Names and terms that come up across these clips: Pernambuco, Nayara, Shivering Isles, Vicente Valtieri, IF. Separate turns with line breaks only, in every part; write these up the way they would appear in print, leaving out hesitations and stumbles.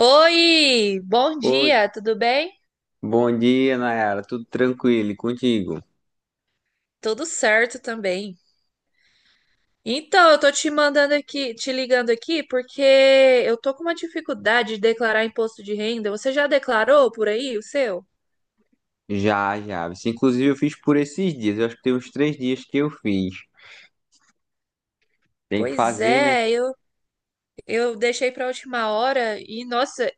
Oi, bom
Oi,
dia, tudo bem?
bom dia, Nayara. Tudo tranquilo e contigo?
Tudo certo também. Então, eu tô te mandando aqui, te ligando aqui porque eu tô com uma dificuldade de declarar imposto de renda. Você já declarou por aí o seu?
Já. Inclusive, eu fiz por esses dias. Eu acho que tem uns três dias que eu fiz. Tem que
Pois
fazer, né?
é, eu deixei pra última hora e, nossa,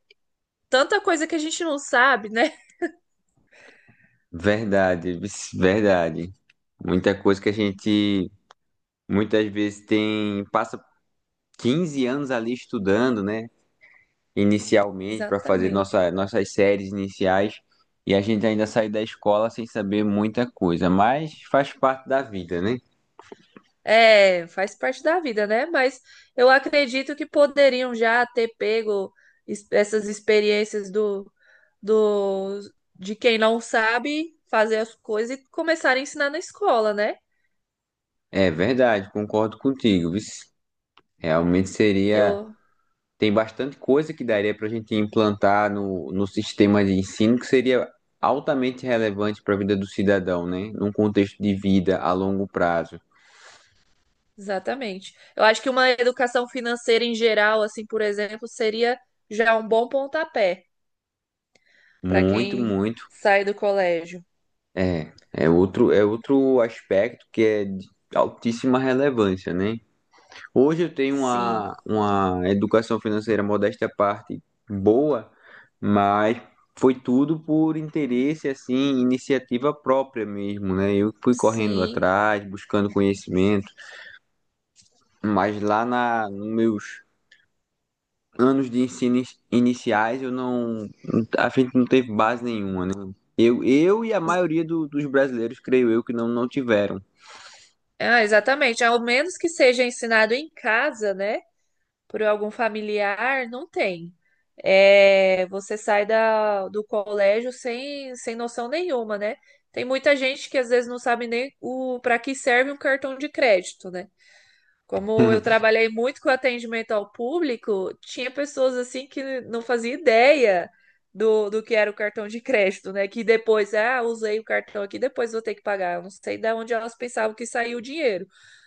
tanta coisa que a gente não sabe, né?
Verdade, vixe, verdade. Muita coisa que a gente muitas vezes tem, passa 15 anos ali estudando, né? Inicialmente, para fazer
Exatamente.
nossas séries iniciais. E a gente ainda sai da escola sem saber muita coisa. Mas faz parte da vida, né?
É, faz parte da vida, né? Mas eu acredito que poderiam já ter pego essas experiências do do de quem não sabe fazer as coisas e começar a ensinar na escola, né?
É verdade, concordo contigo. Vixe. Realmente seria.
Eu,
Tem bastante coisa que daria para a gente implantar no sistema de ensino que seria altamente relevante para a vida do cidadão, né? Num contexto de vida a longo prazo.
exatamente. Eu acho que uma educação financeira em geral, assim, por exemplo, seria já um bom pontapé para
Muito,
quem
muito.
sai do colégio.
É outro aspecto que é de altíssima relevância, né? Hoje eu tenho
Sim,
uma educação financeira modesta à parte boa, mas foi tudo por interesse, assim, iniciativa própria mesmo, né? Eu fui correndo
sim.
atrás, buscando conhecimento. Mas lá na, nos meus anos de ensino iniciais, eu não, não- a gente não teve base nenhuma, né? Eu e a maioria dos brasileiros, creio eu, que não tiveram.
Ah, exatamente. Ao menos que seja ensinado em casa, né? Por algum familiar, não tem. É, você sai do colégio sem, sem noção nenhuma, né? Tem muita gente que às vezes não sabe nem o para que serve um cartão de crédito, né? Como eu trabalhei muito com atendimento ao público, tinha pessoas assim que não fazia ideia do que era o cartão de crédito, né? Que depois, ah, usei o cartão aqui, depois vou ter que pagar. Eu não sei de onde elas pensavam que saiu o dinheiro.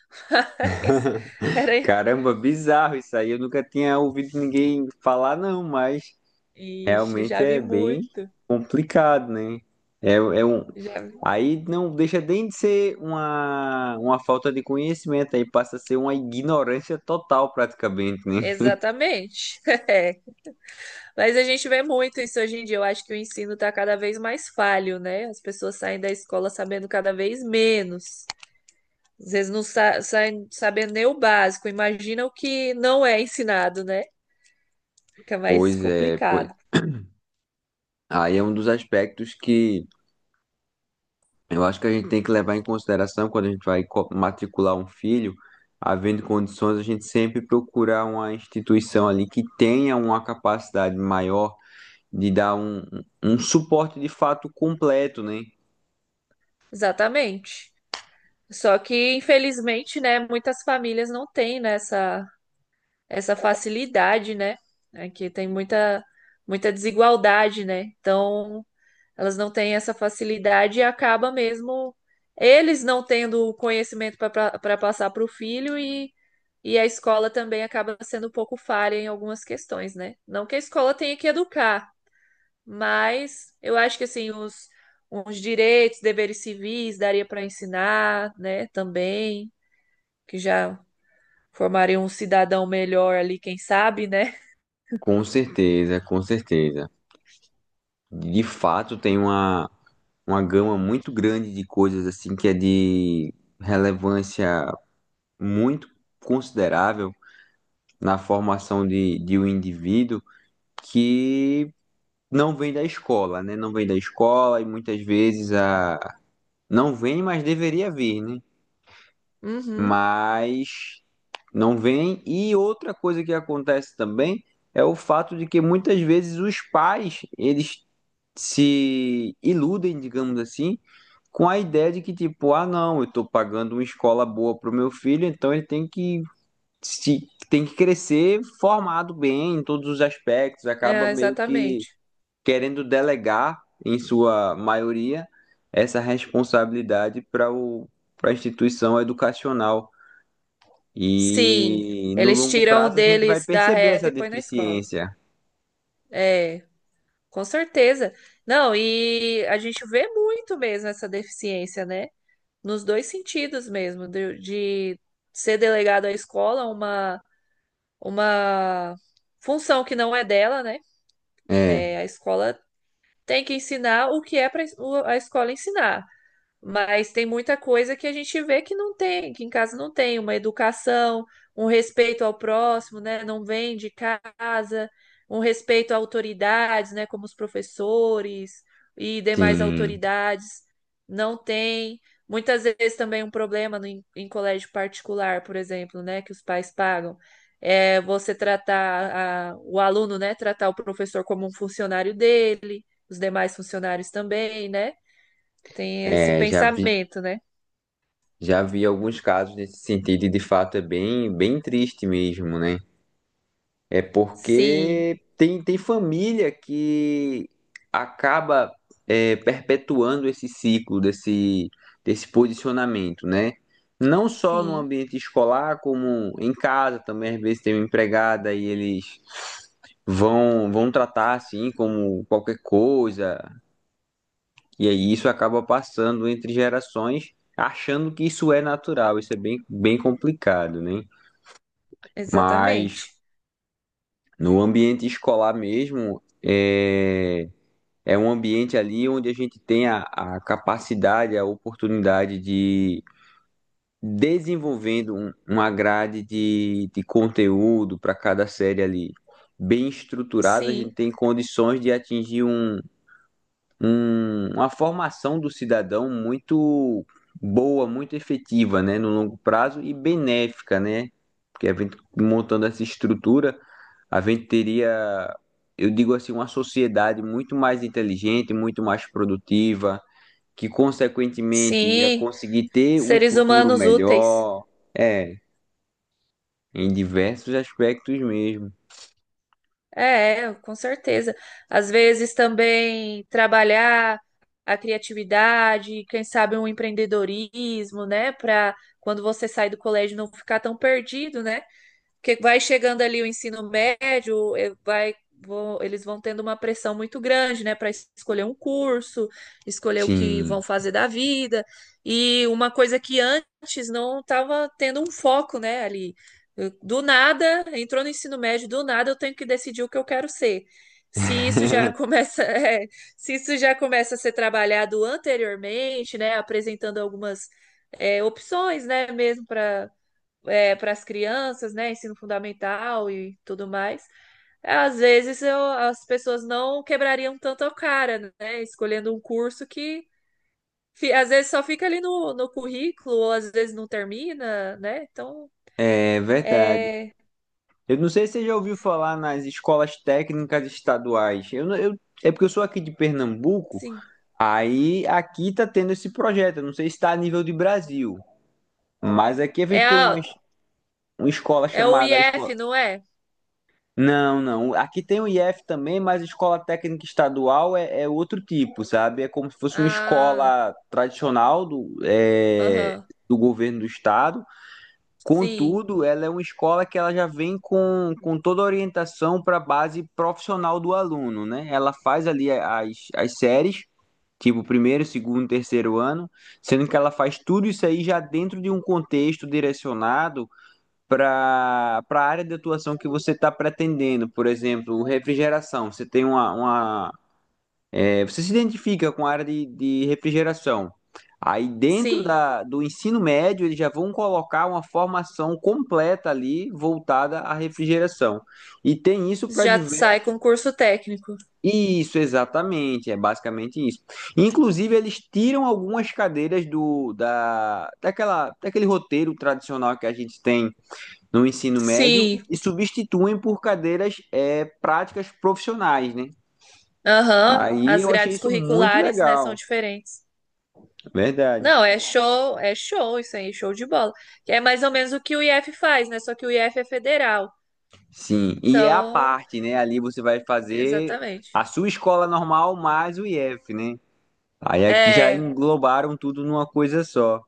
Mas era.
Caramba, bizarro isso aí. Eu nunca tinha ouvido ninguém falar, não, mas
Ixi,
realmente
já vi
é bem
muito.
complicado, né? É, é um...
Já,
Aí não deixa nem de ser uma falta de conhecimento, aí passa a ser uma ignorância total, praticamente, né?
exatamente. É. Mas a gente vê muito isso hoje em dia. Eu acho que o ensino está cada vez mais falho, né? As pessoas saem da escola sabendo cada vez menos. Às vezes não sa saem sabendo nem o básico. Imagina o que não é ensinado, né? Fica mais
Pois é, pois
complicado.
Aí é um dos aspectos que eu acho que a gente tem que levar em consideração quando a gente vai matricular um filho, havendo condições, a gente sempre procurar uma instituição ali que tenha uma capacidade maior de dar um suporte de fato completo, né?
Exatamente. Só que, infelizmente, né, muitas famílias não têm, né, essa facilidade, né? Aqui tem muita, muita desigualdade, né? Então, elas não têm essa facilidade e acaba mesmo eles não tendo o conhecimento para passar para o filho e a escola também acaba sendo um pouco falha em algumas questões, né? Não que a escola tenha que educar, mas eu acho que assim os direitos, deveres civis daria para ensinar, né? Também que já formaria um cidadão melhor ali, quem sabe, né?
Com certeza, com certeza. De fato, tem uma gama muito grande de coisas assim que é de relevância muito considerável na formação de um indivíduo. Que não vem da escola, né? Não vem da escola e muitas vezes a não vem, mas deveria vir, né?
Uhum,
Mas não vem. E outra coisa que acontece também é o fato de que muitas vezes os pais, eles se iludem, digamos assim, com a ideia de que tipo, ah, não, eu estou pagando uma escola boa para o meu filho, então ele tem que se tem que crescer formado bem em todos os aspectos, acaba
é,
meio que
exatamente.
querendo delegar, em sua maioria, essa responsabilidade para a instituição educacional.
Sim,
E no
eles
longo
tiram o
prazo a gente vai
deles da
perceber
reta
essa
e põe na escola.
deficiência.
É, com certeza. Não, e a gente vê muito mesmo essa deficiência, né? Nos dois sentidos mesmo, de ser delegado à escola uma função que não é dela, né?
É,
É, a escola tem que ensinar o que é para a escola ensinar. Mas tem muita coisa que a gente vê que não tem, que em casa não tem, uma educação, um respeito ao próximo, né? Não vem de casa, um respeito a autoridades, né? Como os professores e demais
sim,
autoridades, não tem. Muitas vezes também um problema no, em, em colégio particular, por exemplo, né? Que os pais pagam. É você tratar o aluno, né? Tratar o professor como um funcionário dele, os demais funcionários também, né? Tem esse
é,
pensamento, né?
já vi alguns casos nesse sentido e de fato é bem, bem triste mesmo, né? É
Sim,
porque tem família que acaba é, perpetuando esse ciclo desse posicionamento, né? Não só no
sim,
ambiente escolar, como em casa também, às vezes tem uma empregada e eles vão tratar assim como qualquer coisa. E aí isso acaba passando entre gerações, achando que isso é natural. Isso é bem, bem complicado, né? Mas
exatamente.
no ambiente escolar mesmo, é É um ambiente ali onde a gente tem a capacidade, a oportunidade de desenvolvendo uma grade de conteúdo para cada série ali bem estruturada, a gente
Sim,
tem condições de atingir uma formação do cidadão muito boa, muito efetiva, né, no longo prazo e benéfica, né? Porque a gente montando essa estrutura, a gente teria, eu digo assim, uma sociedade muito mais inteligente, muito mais produtiva, que consequentemente ia
sim.
conseguir ter um
Seres
futuro
humanos úteis.
melhor, é, em diversos aspectos mesmo.
É, com certeza. Às vezes também trabalhar a criatividade, quem sabe um empreendedorismo, né? Para quando você sai do colégio não ficar tão perdido, né? Porque vai chegando ali o ensino médio, vai, eles vão tendo uma pressão muito grande, né, para escolher um curso, escolher o que vão
Sim.
fazer da vida. E uma coisa que antes não estava tendo um foco, né, ali. Do nada, entrou no ensino médio, do nada eu tenho que decidir o que eu quero ser. Se isso já começa, é, se isso já começa a ser trabalhado anteriormente, né, apresentando algumas, é, opções, né, mesmo para as crianças, né? Ensino fundamental e tudo mais. Às vezes as pessoas não quebrariam tanto a cara, né? Escolhendo um curso que às vezes só fica ali no currículo, ou às vezes não termina, né? Então,
É verdade.
é.
Eu não sei se você já ouviu falar nas escolas técnicas estaduais. Eu, não- eu- É porque eu sou aqui de Pernambuco,
Sim.
aí aqui tá tendo esse projeto. Eu não sei se está a nível de Brasil, mas aqui a
É,
gente tem
a,
uma escola
é o
chamada escola.
IF, não é?
Não, não. Aqui tem o IF também, mas escola técnica estadual é outro tipo, sabe? É como se fosse uma
Ah,
escola tradicional
aham.
do governo do estado.
Sim,
Contudo, ela é uma escola que ela já vem com toda a orientação para a base profissional do aluno, né? Ela faz ali as séries, tipo primeiro, segundo, terceiro ano, sendo que ela faz tudo isso aí já dentro de um contexto direcionado para a área de atuação que você está pretendendo. Por exemplo, refrigeração. Você tem Você se identifica com a área de refrigeração. Aí dentro
sim.
do ensino médio, eles já vão colocar uma formação completa ali voltada à refrigeração. E tem isso para
Já sai
diversos.
com curso técnico.
Isso, exatamente, é basicamente isso. Inclusive, eles tiram algumas cadeiras daquele roteiro tradicional que a gente tem no ensino médio
Sim,
e substituem por cadeiras é, práticas profissionais, né?
aham.
Aí
As
eu achei
grades
isso muito
curriculares, né, são
legal.
diferentes.
É verdade.
Não, é show isso aí, show de bola. Que é mais ou menos o que o IF faz, né? Só que o IF é federal.
Sim, e é a
Então,
parte, né? Ali você vai fazer
exatamente.
a sua escola normal mais o IF, né? Aí aqui já
É,
englobaram tudo numa coisa só.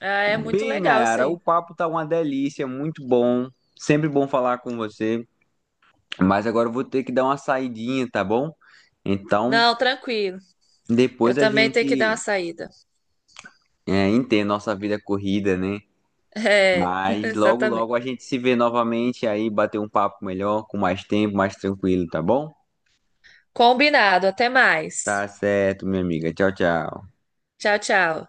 é muito
Bem,
legal isso
Nayara, o
aí.
papo tá uma delícia, muito bom. Sempre bom falar com você, mas agora eu vou ter que dar uma saidinha, tá bom? Então,
Não, tranquilo. Eu
depois a
também tenho que dar
gente
uma saída.
é, entende nossa vida corrida, né?
É,
Mas logo,
exatamente.
logo a gente se vê novamente aí, bater um papo melhor, com mais tempo, mais tranquilo, tá bom?
Combinado. Até mais.
Tá certo, minha amiga. Tchau, tchau.
Tchau, tchau.